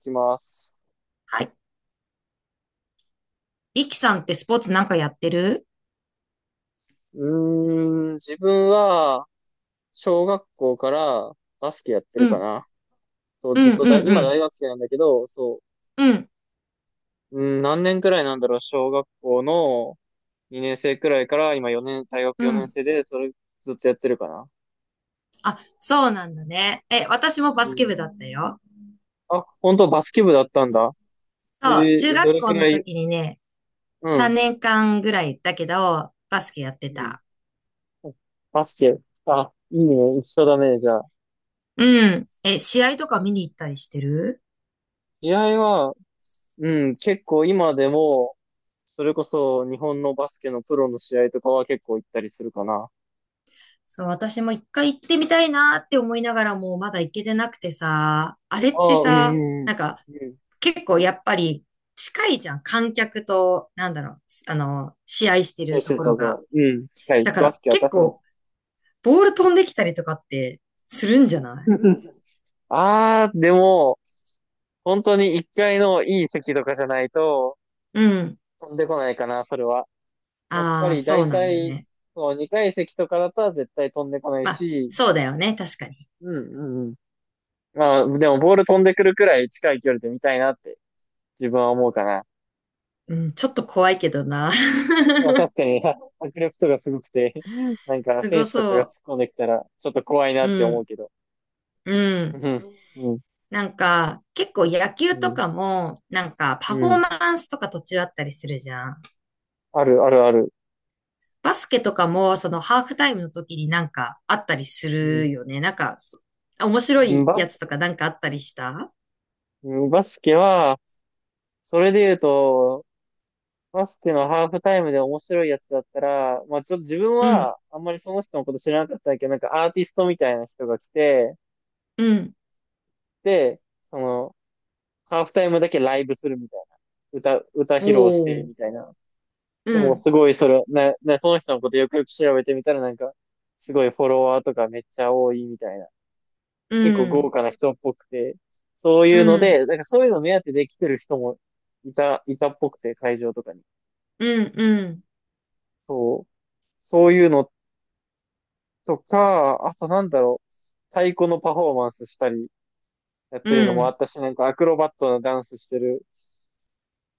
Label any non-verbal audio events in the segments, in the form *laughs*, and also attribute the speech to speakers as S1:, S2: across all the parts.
S1: いきます。
S2: はい。リキさんってスポーツなんかやってる？
S1: うー自分は、小学校からバスケやって
S2: う
S1: るか
S2: ん、
S1: な。そう、
S2: う
S1: ず
S2: ん、
S1: っとだ、
S2: うん、う
S1: 今
S2: ん、
S1: 大学生なんだけど、そ
S2: うん、
S1: う、うん、何年くらいなんだろう、小学校の2年生くらいから今4年、大学
S2: う
S1: 4年
S2: ん。
S1: 生で、それずっとやってるかな。
S2: そうなんだね。え、私もバ
S1: う
S2: スケ
S1: ん。
S2: 部だったよ。
S1: あ、本当バスケ部だったんだ。え
S2: そう、中
S1: ど
S2: 学
S1: れ
S2: 校
S1: く
S2: の
S1: らい、
S2: 時にね、
S1: う
S2: 3
S1: ん、
S2: 年間ぐらいだけど、バスケやって
S1: うん。
S2: た。
S1: バスケ。あ、いいね、一緒だね、じゃあ。
S2: うん。え、試合とか見に行ったりしてる？
S1: 試合は、うん、結構今でも、それこそ日本のバスケのプロの試合とかは結構行ったりするかな。
S2: そう、私も一回行ってみたいなって思いながらもまだ行けてなくてさ、あれ
S1: あ
S2: って
S1: あ、うん、
S2: さ、
S1: うん、
S2: なんか
S1: うん。
S2: 結構やっぱり近いじゃん。観客と、なんだろう、あの、試合して
S1: コー
S2: ると
S1: ス
S2: ころ
S1: と
S2: が。
S1: か、うん、近い。
S2: だか
S1: バス
S2: ら
S1: ケは
S2: 結
S1: 確かに。
S2: 構、ボール飛んできたりとかってするんじゃない？
S1: ああ、でも、本当に1階のいい席とかじゃないと
S2: うん。
S1: 飛んでこないかな、それは。やっぱ
S2: ああ、
S1: り
S2: そう
S1: 大
S2: なんだ
S1: 体、
S2: ね。
S1: そう、2階席とかだったら絶対飛んでこない
S2: まあ、
S1: し、
S2: そうだよね。確かに。
S1: うん、うん、うん。まあ、でもボール飛んでくるくらい近い距離で見たいなって自分は思うかな。
S2: うん、ちょっと怖いけどな。
S1: まあ、確
S2: *laughs*
S1: かに、*laughs* 迫力とかすごくて、なんか
S2: す
S1: 選
S2: ご
S1: 手とかが突っ
S2: そ
S1: 込んできたら、ちょっと怖いな
S2: う。う
S1: って思う
S2: ん、
S1: けど。
S2: う
S1: う
S2: ん。
S1: ん、うん、
S2: なんか、結構野
S1: う
S2: 球と
S1: ん、
S2: かも、なんか
S1: う
S2: パフォー
S1: ん。
S2: マンスとか途中あったりするじゃん。
S1: ある、ある、ある。
S2: バスケとかも、そのハーフタイムの時になんかあったりす
S1: う
S2: る
S1: ん
S2: よね。なんか、面白
S1: うん
S2: いやつとかなんかあったりした？
S1: バスケは、それで言うと、バスケのハーフタイムで面白いやつだったら、まあちょっと自分
S2: うん、
S1: は、あんまりその人のこと知らなかったんだけど、なんかアーティストみたいな人が来て、
S2: うん。
S1: で、その、ハーフタイムだけライブするみたいな。歌披露して、
S2: お
S1: み
S2: ー。
S1: たいな。
S2: う
S1: でも
S2: ん。
S1: すごいそれ、ね、その人のことよくよく調べてみたらなんか、すごいフォロワーとかめっちゃ多いみたいな。
S2: う
S1: 結構豪
S2: ん、
S1: 華な人っぽくて、そう
S2: う
S1: いうの
S2: ん、
S1: で、なんかそういうの目当てで来てる人もいたっぽくて、会場とかに。
S2: うん、うん、
S1: そう。そういうのとか、あとなんだろう、太鼓のパフォーマンスしたりやっ
S2: う
S1: てるのもあ
S2: ん、
S1: ったし、なんかアクロバットなダンスしてる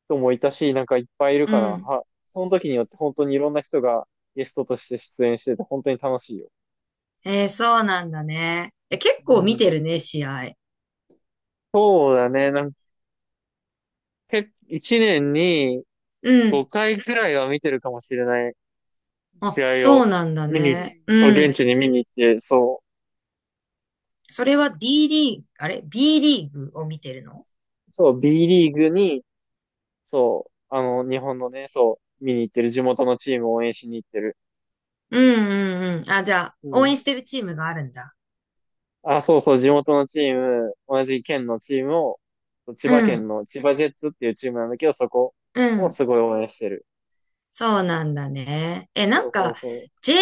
S1: 人もいたし、なんかいっぱいいる
S2: う
S1: かな。
S2: ん。
S1: その時によって本当にいろんな人がゲストとして出演してて、本当に楽しいよ。
S2: そうなんだね。え、結
S1: う
S2: 構見
S1: ん。
S2: てるね、試合。
S1: そうだね。なんか、1年に
S2: うん。
S1: 5回ぐらいは見てるかもしれない
S2: あ、
S1: 試合
S2: そう
S1: を
S2: なんだ
S1: 見に、
S2: ね。
S1: そう、
S2: う
S1: 現
S2: ん。
S1: 地に見に行って、そ
S2: それは D リーグ、あれ？ B リーグを見てるの？
S1: う、そう、B リーグに、そう、日本のね、そう、見に行ってる、地元のチームを応援しに行ってる。
S2: うんうんうん。あ、じゃあ、
S1: う
S2: 応
S1: ん。
S2: 援してるチームがあるんだ。
S1: あ、そうそう、地元のチーム、同じ県のチームを、千葉
S2: う
S1: 県
S2: ん、
S1: の千葉ジェッツっていうチームなんだけど、そこ
S2: う
S1: を
S2: ん。
S1: すごい応援してる。
S2: そうなんだね。え、な
S1: そ
S2: ん
S1: うそ
S2: か、
S1: うそう。
S2: J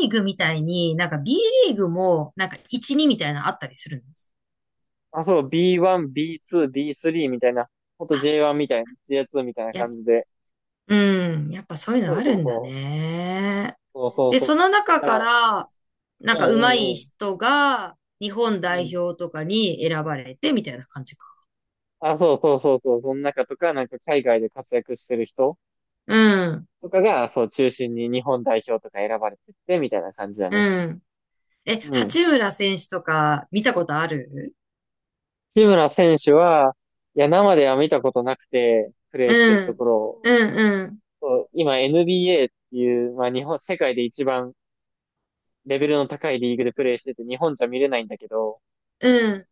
S2: リーグみたいに、なんか B リーグも、なんか1、2みたいなのあったりするの？
S1: あ、そう、B1、B2、B3 みたいな、ほんと
S2: あ、
S1: J1 みたいな、J2 みたいな
S2: や
S1: 感
S2: っ
S1: じで、
S2: うん。やっぱそういう
S1: そ
S2: の
S1: う
S2: あ
S1: そ
S2: る
S1: う
S2: んだ
S1: そう。
S2: ね。
S1: そうそう
S2: で、そ
S1: そ
S2: の
S1: う。だ
S2: 中
S1: か
S2: か
S1: ら、
S2: ら、なん
S1: う
S2: か上手
S1: ん
S2: い
S1: うん
S2: 人が日本
S1: うん。う
S2: 代
S1: ん。
S2: 表とかに選ばれてみたいな感じか。
S1: あ、そうそうそうそう。その中とか、なんか海外で活躍してる人
S2: うん。
S1: とかが、そう、中心に日本代表とか選ばれてって、みたいな感じだね。
S2: うん。え、
S1: うん。
S2: 八村選手とか見たことある？
S1: 志村選手は、いや、生では見たことなくて、プレーして
S2: う
S1: るとこ
S2: ん。
S1: ろを、
S2: うんうん。
S1: そう今 NBA っていう、まあ日本、世界で一番レベルの高いリーグでプレーしてて、日本じゃ見れないんだけど、
S2: うん。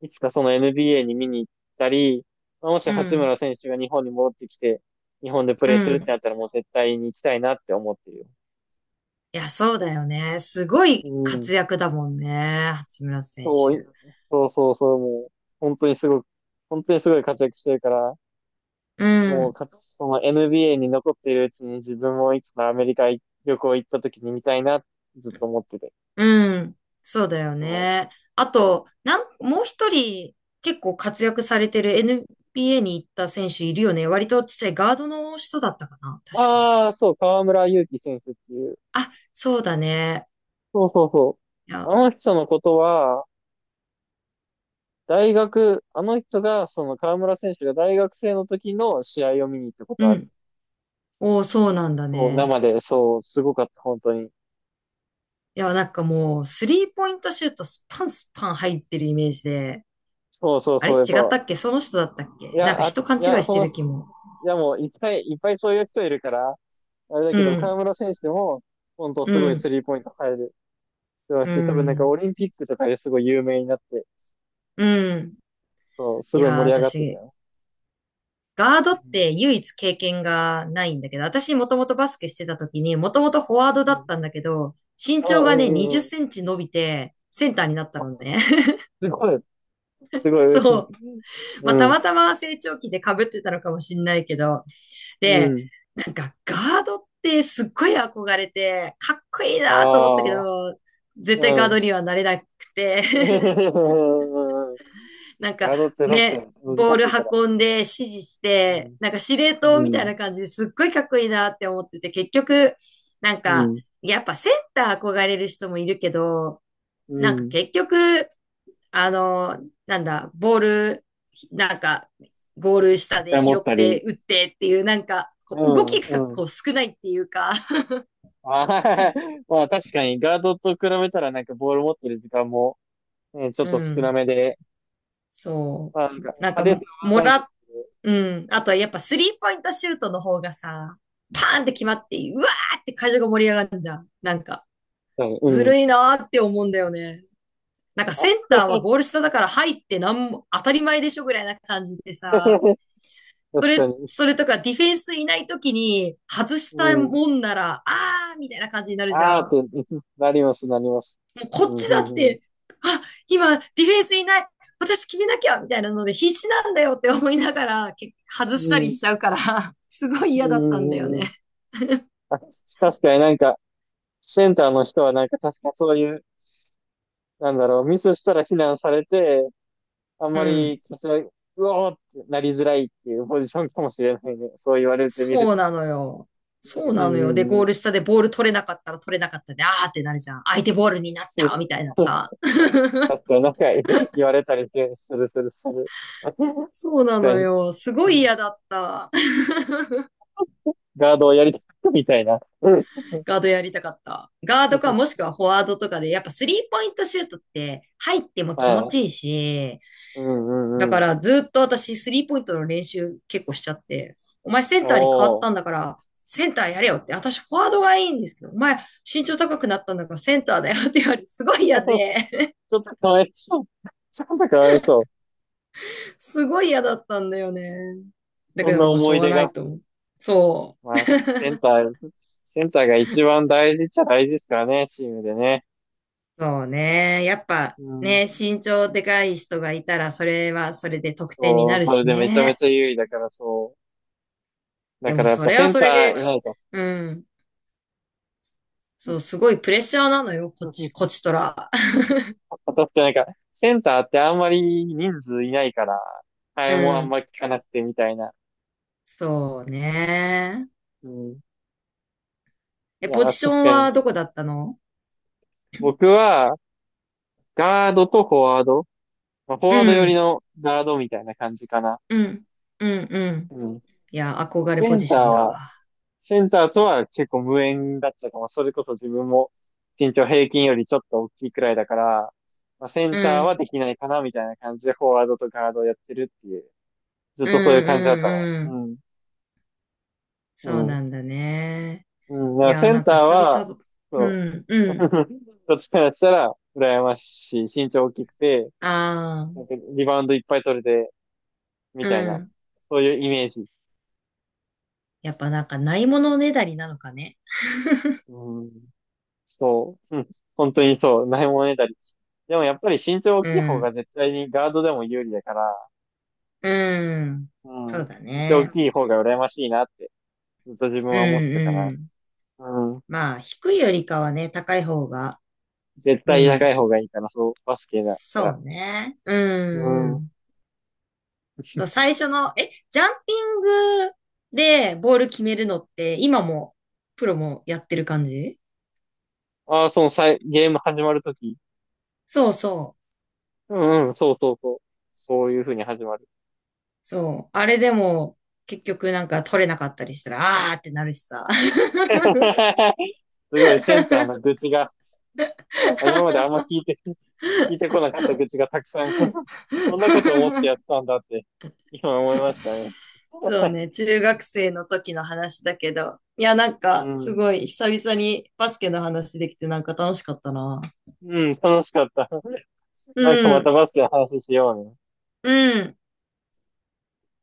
S1: いつかその NBA に見に行ったり、まあもし
S2: う
S1: 八
S2: ん。
S1: 村選手が日本に戻ってきて、日本でプ
S2: う
S1: レーするって
S2: ん。
S1: なったらもう絶対に行きたいなって思ってるよ。
S2: いや、そうだよね。すご
S1: う
S2: い
S1: ん。
S2: 活躍だもんね。八村選
S1: そう
S2: 手。
S1: そうそうそう、もう、本当にすごく、本当にすごい活躍してるから、
S2: う
S1: もう
S2: ん。
S1: か、その NBA に残っているうちに自分もいつかアメリカ旅行行った時に見たいなってずっと思ってて。
S2: うん。そうだよ
S1: そ
S2: ね。あと、もう一人結構活躍されてる NBA に行った選手いるよね。割とちっちゃいガードの人だったかな。
S1: う。
S2: 確か。
S1: ああ、そう、河村勇輝選手っていう。
S2: あ、そうだね。
S1: そうそうそ
S2: い
S1: う。
S2: や、
S1: あの人のことは、大学、あの人が、その河村選手が大学生の時の試合を見に行ったこと
S2: う
S1: ある。
S2: ん。おーそうなんだ
S1: そう、
S2: ね。
S1: 生で、そう、すごかった、本当に。
S2: いや、なんかもう、スリーポイントシュートスパンスパン入ってるイメージで。
S1: そうそう
S2: あれ
S1: そう、やっ
S2: 違っ
S1: ぱ、
S2: たっけその人だったっ
S1: い
S2: けなんか
S1: や、あ、
S2: 人勘
S1: い
S2: 違
S1: や、
S2: いし
S1: そ
S2: てる
S1: の、
S2: 気も。
S1: いやもう、いっぱいいっぱいそういう人いるから、あれだ
S2: う
S1: けど、河
S2: ん、
S1: 村選手でも、本当
S2: う
S1: すごいス
S2: ん、
S1: リーポイント入る人だ
S2: う
S1: し、多分なんか
S2: ん、
S1: オリンピックとかですごい有名になって、
S2: うん。
S1: そう、
S2: い
S1: すごい
S2: やー、
S1: 盛り上がってた
S2: 私、
S1: よ。
S2: ガード
S1: う
S2: っ
S1: ん。
S2: て唯一経験がないんだけど、私もともとバスケしてた時に、もともとフォワード
S1: う
S2: だっ
S1: ん。
S2: たんだけど、身
S1: あ、
S2: 長が
S1: うん
S2: ね、
S1: う
S2: 20セ
S1: んうん。
S2: ンチ伸びて、センターになった
S1: あ、
S2: のね。
S1: すごい、す
S2: *laughs*
S1: ごい、
S2: そう。
S1: *laughs*
S2: ま
S1: う
S2: あ、た
S1: ん。
S2: またま成長期で被ってたのかもしんないけど。
S1: う
S2: で、
S1: ん。
S2: なんかガードってすっごい憧れて、かっこいい
S1: あ
S2: なと思ったけ
S1: あ、
S2: ど、絶対ガー
S1: うん。
S2: ドにはなれなくて *laughs*
S1: うん
S2: なんか
S1: ガードって確か
S2: ね、
S1: に難
S2: ボール
S1: しいから。
S2: 運んで指示し
S1: う
S2: て、
S1: ん。
S2: なんか司令塔
S1: う
S2: みたい
S1: ん。
S2: な感じですっごいかっこいいなって思ってて、結局、なん
S1: う
S2: か、
S1: ん。
S2: やっぱセンター憧れる人もいるけど、
S1: う
S2: なんか
S1: ん。
S2: 結局、あの、なんだ、ボール、なんか、ゴール
S1: め
S2: 下
S1: っち
S2: で
S1: ゃ持
S2: 拾
S1: っ
S2: っ
S1: たり。
S2: て打ってっていう、なんか、
S1: う
S2: こう動き
S1: ん。
S2: が
S1: うん。
S2: こう少ないっていうか、
S1: *laughs* まあ確かにガードと比べたらなんかボール持ってる時間も、ね、ちょ
S2: う
S1: っと少な
S2: ん、
S1: めで、
S2: そ
S1: まあなん
S2: う。
S1: か
S2: なん
S1: 派
S2: か
S1: 手
S2: も、
S1: さ
S2: も
S1: はな
S2: ら
S1: い。
S2: っうん。あとはやっぱスリーポイントシュートの方がさ、パーンって決まって、うわーって会場が盛り上がるじゃん。なんか、
S1: う
S2: ず
S1: んうん。
S2: るいなーって思うんだよね。なんか
S1: あ
S2: センターはゴール下だから入ってなんも当たり前でしょぐらいな感じで
S1: *laughs*、
S2: さ、
S1: 確
S2: それ、
S1: かに。
S2: それとかディフェンスいない時に外し
S1: う
S2: た
S1: ん。
S2: もんなら、あーみたいな感じになるじゃ
S1: ああ
S2: ん。
S1: って、
S2: も
S1: いつなります、なります。
S2: うこ
S1: う
S2: っ
S1: ん、
S2: ち
S1: う
S2: だっ
S1: ん、うん。
S2: て、あ、今ディフェンスいない。私決めなきゃみたいなので必死なんだよって思いながら、外
S1: う
S2: したり
S1: ん、
S2: しちゃうから、*laughs* すごい
S1: うん、
S2: 嫌だったんだよ
S1: うん、
S2: ね。
S1: うん。あ、確かになんか、センターの人はなんか確かそういう、なんだろう、ミスしたら非難されて、あん
S2: う
S1: ま
S2: ん。
S1: り、こちら、うおーってなりづらいっていうポジションかもしれないね。そう言われてみる
S2: そう
S1: と。
S2: なのよ。そう
S1: うん、う
S2: なのよ。で、
S1: ん、う
S2: ゴー
S1: ん。
S2: ル下でボール取れなかったら取れなかったで、あーってなるじゃん。相手ボールになったみ
S1: *laughs*
S2: たいなさ。*laughs*
S1: 確かになんか言われたりするするする。*laughs* 確
S2: そうな
S1: か
S2: の
S1: に。
S2: よ。すご
S1: う
S2: い
S1: ん
S2: 嫌だった。
S1: ガードをやりたくみたいな。うん。
S2: *laughs* ガードやりたかった。ガードかもし
S1: *laughs*
S2: くはフォワードとかで、やっぱスリーポイントシュートって入っても気持
S1: は
S2: ちい
S1: い。
S2: いし、
S1: うんう
S2: だ
S1: んう
S2: か
S1: ん。
S2: らずっと私スリーポイントの練習結構しちゃって、お前センターに変わっ
S1: おー。
S2: たん
S1: *laughs*
S2: だから、センターやれよって、私フォワードがいいんですけど、お前身長高くなったんだからセンターだよって言われて、すごい嫌で。
S1: ちょっとかわいそう。*laughs* ちょっとかわいそう。
S2: すごい嫌だったんだよね。だ
S1: そ
S2: け
S1: ん
S2: ど
S1: な
S2: もうし
S1: 思
S2: ょう
S1: い
S2: が
S1: 出
S2: な
S1: が。
S2: いと思う。そ
S1: まあ、センター、センターが一番大事っちゃ大事ですからね、チームでね。
S2: う。そうね。やっぱ
S1: うん。
S2: ね、身長でかい人がいたら、それはそれで得点に
S1: そ
S2: な
S1: う、
S2: る
S1: それ
S2: し
S1: でめちゃめ
S2: ね。
S1: ちゃ優位だからそう。だ
S2: で
S1: か
S2: も
S1: らやっ
S2: そ
S1: ぱ
S2: れ
S1: セ
S2: は
S1: ン
S2: そ
S1: タ
S2: れ
S1: ー、
S2: で、
S1: いないぞ
S2: うん。そう、すごいプレッシャーなのよ、こっち、こちとら。*laughs*
S1: 私 *laughs* ってなんか、センターってあんまり人数いないから、替
S2: う
S1: えもあん
S2: ん。
S1: まり効かなくてみたいな。
S2: そうね。
S1: うん。い
S2: え、
S1: や、
S2: ポジショ
S1: 確
S2: ン
S1: かに。
S2: はどこだったの？
S1: 僕は、ガードとフォワード。まあ、フォ
S2: う
S1: ワード寄り
S2: ん。
S1: のガードみたいな感じかな。
S2: うん。うん。うん。
S1: うん。
S2: いや、憧れ
S1: セ
S2: ポ
S1: ン
S2: ジ
S1: ター
S2: ションだ
S1: は、
S2: わ。
S1: センターとは結構無縁だったかも。それこそ自分も身長平均よりちょっと大きいくらいだから、まあ、セ
S2: う
S1: ンターは
S2: ん。
S1: できないかなみたいな感じでフォワードとガードをやってるっていう、ずっ
S2: う
S1: とそういう
S2: ん。
S1: 感じだっ
S2: う
S1: たの。
S2: ん。う
S1: う
S2: ん。
S1: ん。う
S2: そうな
S1: ん。
S2: んだね。
S1: うん。だか
S2: い
S1: ら
S2: やー
S1: セン
S2: なん
S1: ター
S2: か久
S1: は、
S2: 々、う
S1: そ
S2: ん、う
S1: う。
S2: ん。
S1: *laughs* どっちからしたら羨ましい。身長大きくて、
S2: あ
S1: なん
S2: あ、
S1: かリバウンドいっぱい取れて、み
S2: う
S1: たいな。
S2: ん。
S1: そういうイメージ。
S2: やっぱなんかないものねだりなのかね。
S1: うん。そう、うん、本当にそう、ないものねだり。でもやっぱり身長大
S2: う
S1: きい方が
S2: ん、
S1: 絶対にガードでも有利だから、
S2: うん。
S1: う
S2: そう
S1: ん、
S2: だ
S1: 身長大
S2: ね。
S1: きい方が羨ましいなって、ずっと自分
S2: う
S1: は思ってたか
S2: ん、
S1: な。
S2: うん。
S1: うん、
S2: まあ、低いよりかはね、高い方が、
S1: 絶
S2: う
S1: 対高
S2: ん。
S1: い方がいいかな、そう、バスケだった
S2: そ
S1: ら。
S2: うね。う
S1: う
S2: ん、う
S1: ん。
S2: ん。そう、最初の、え、ジャンピングでボール決めるのって、今も、プロもやってる感じ？
S1: ああ、そのさい、ゲーム始まるとき。
S2: そうそう。
S1: うんうん、そうそうそう。そういう風に始まる。
S2: そう。あれでも、結局なんか取れなかったりしたら、あーってなるしさ。
S1: *laughs* すごい、センター
S2: *laughs*
S1: の愚痴が、今まであんま聞いて、*laughs* 聞いてこなかった愚痴がたくさん *laughs* そんなこと思って
S2: *laughs*
S1: やってたんだって、今思いましたね。
S2: そうね、中学生の時の話だけど。いや、なん
S1: う
S2: か、す
S1: ん。
S2: ごい、久々にバスケの話できて、なんか楽しかったな。
S1: うん、楽しかった。
S2: う
S1: なんかまた
S2: ん、
S1: バスケの話しようね。
S2: うん。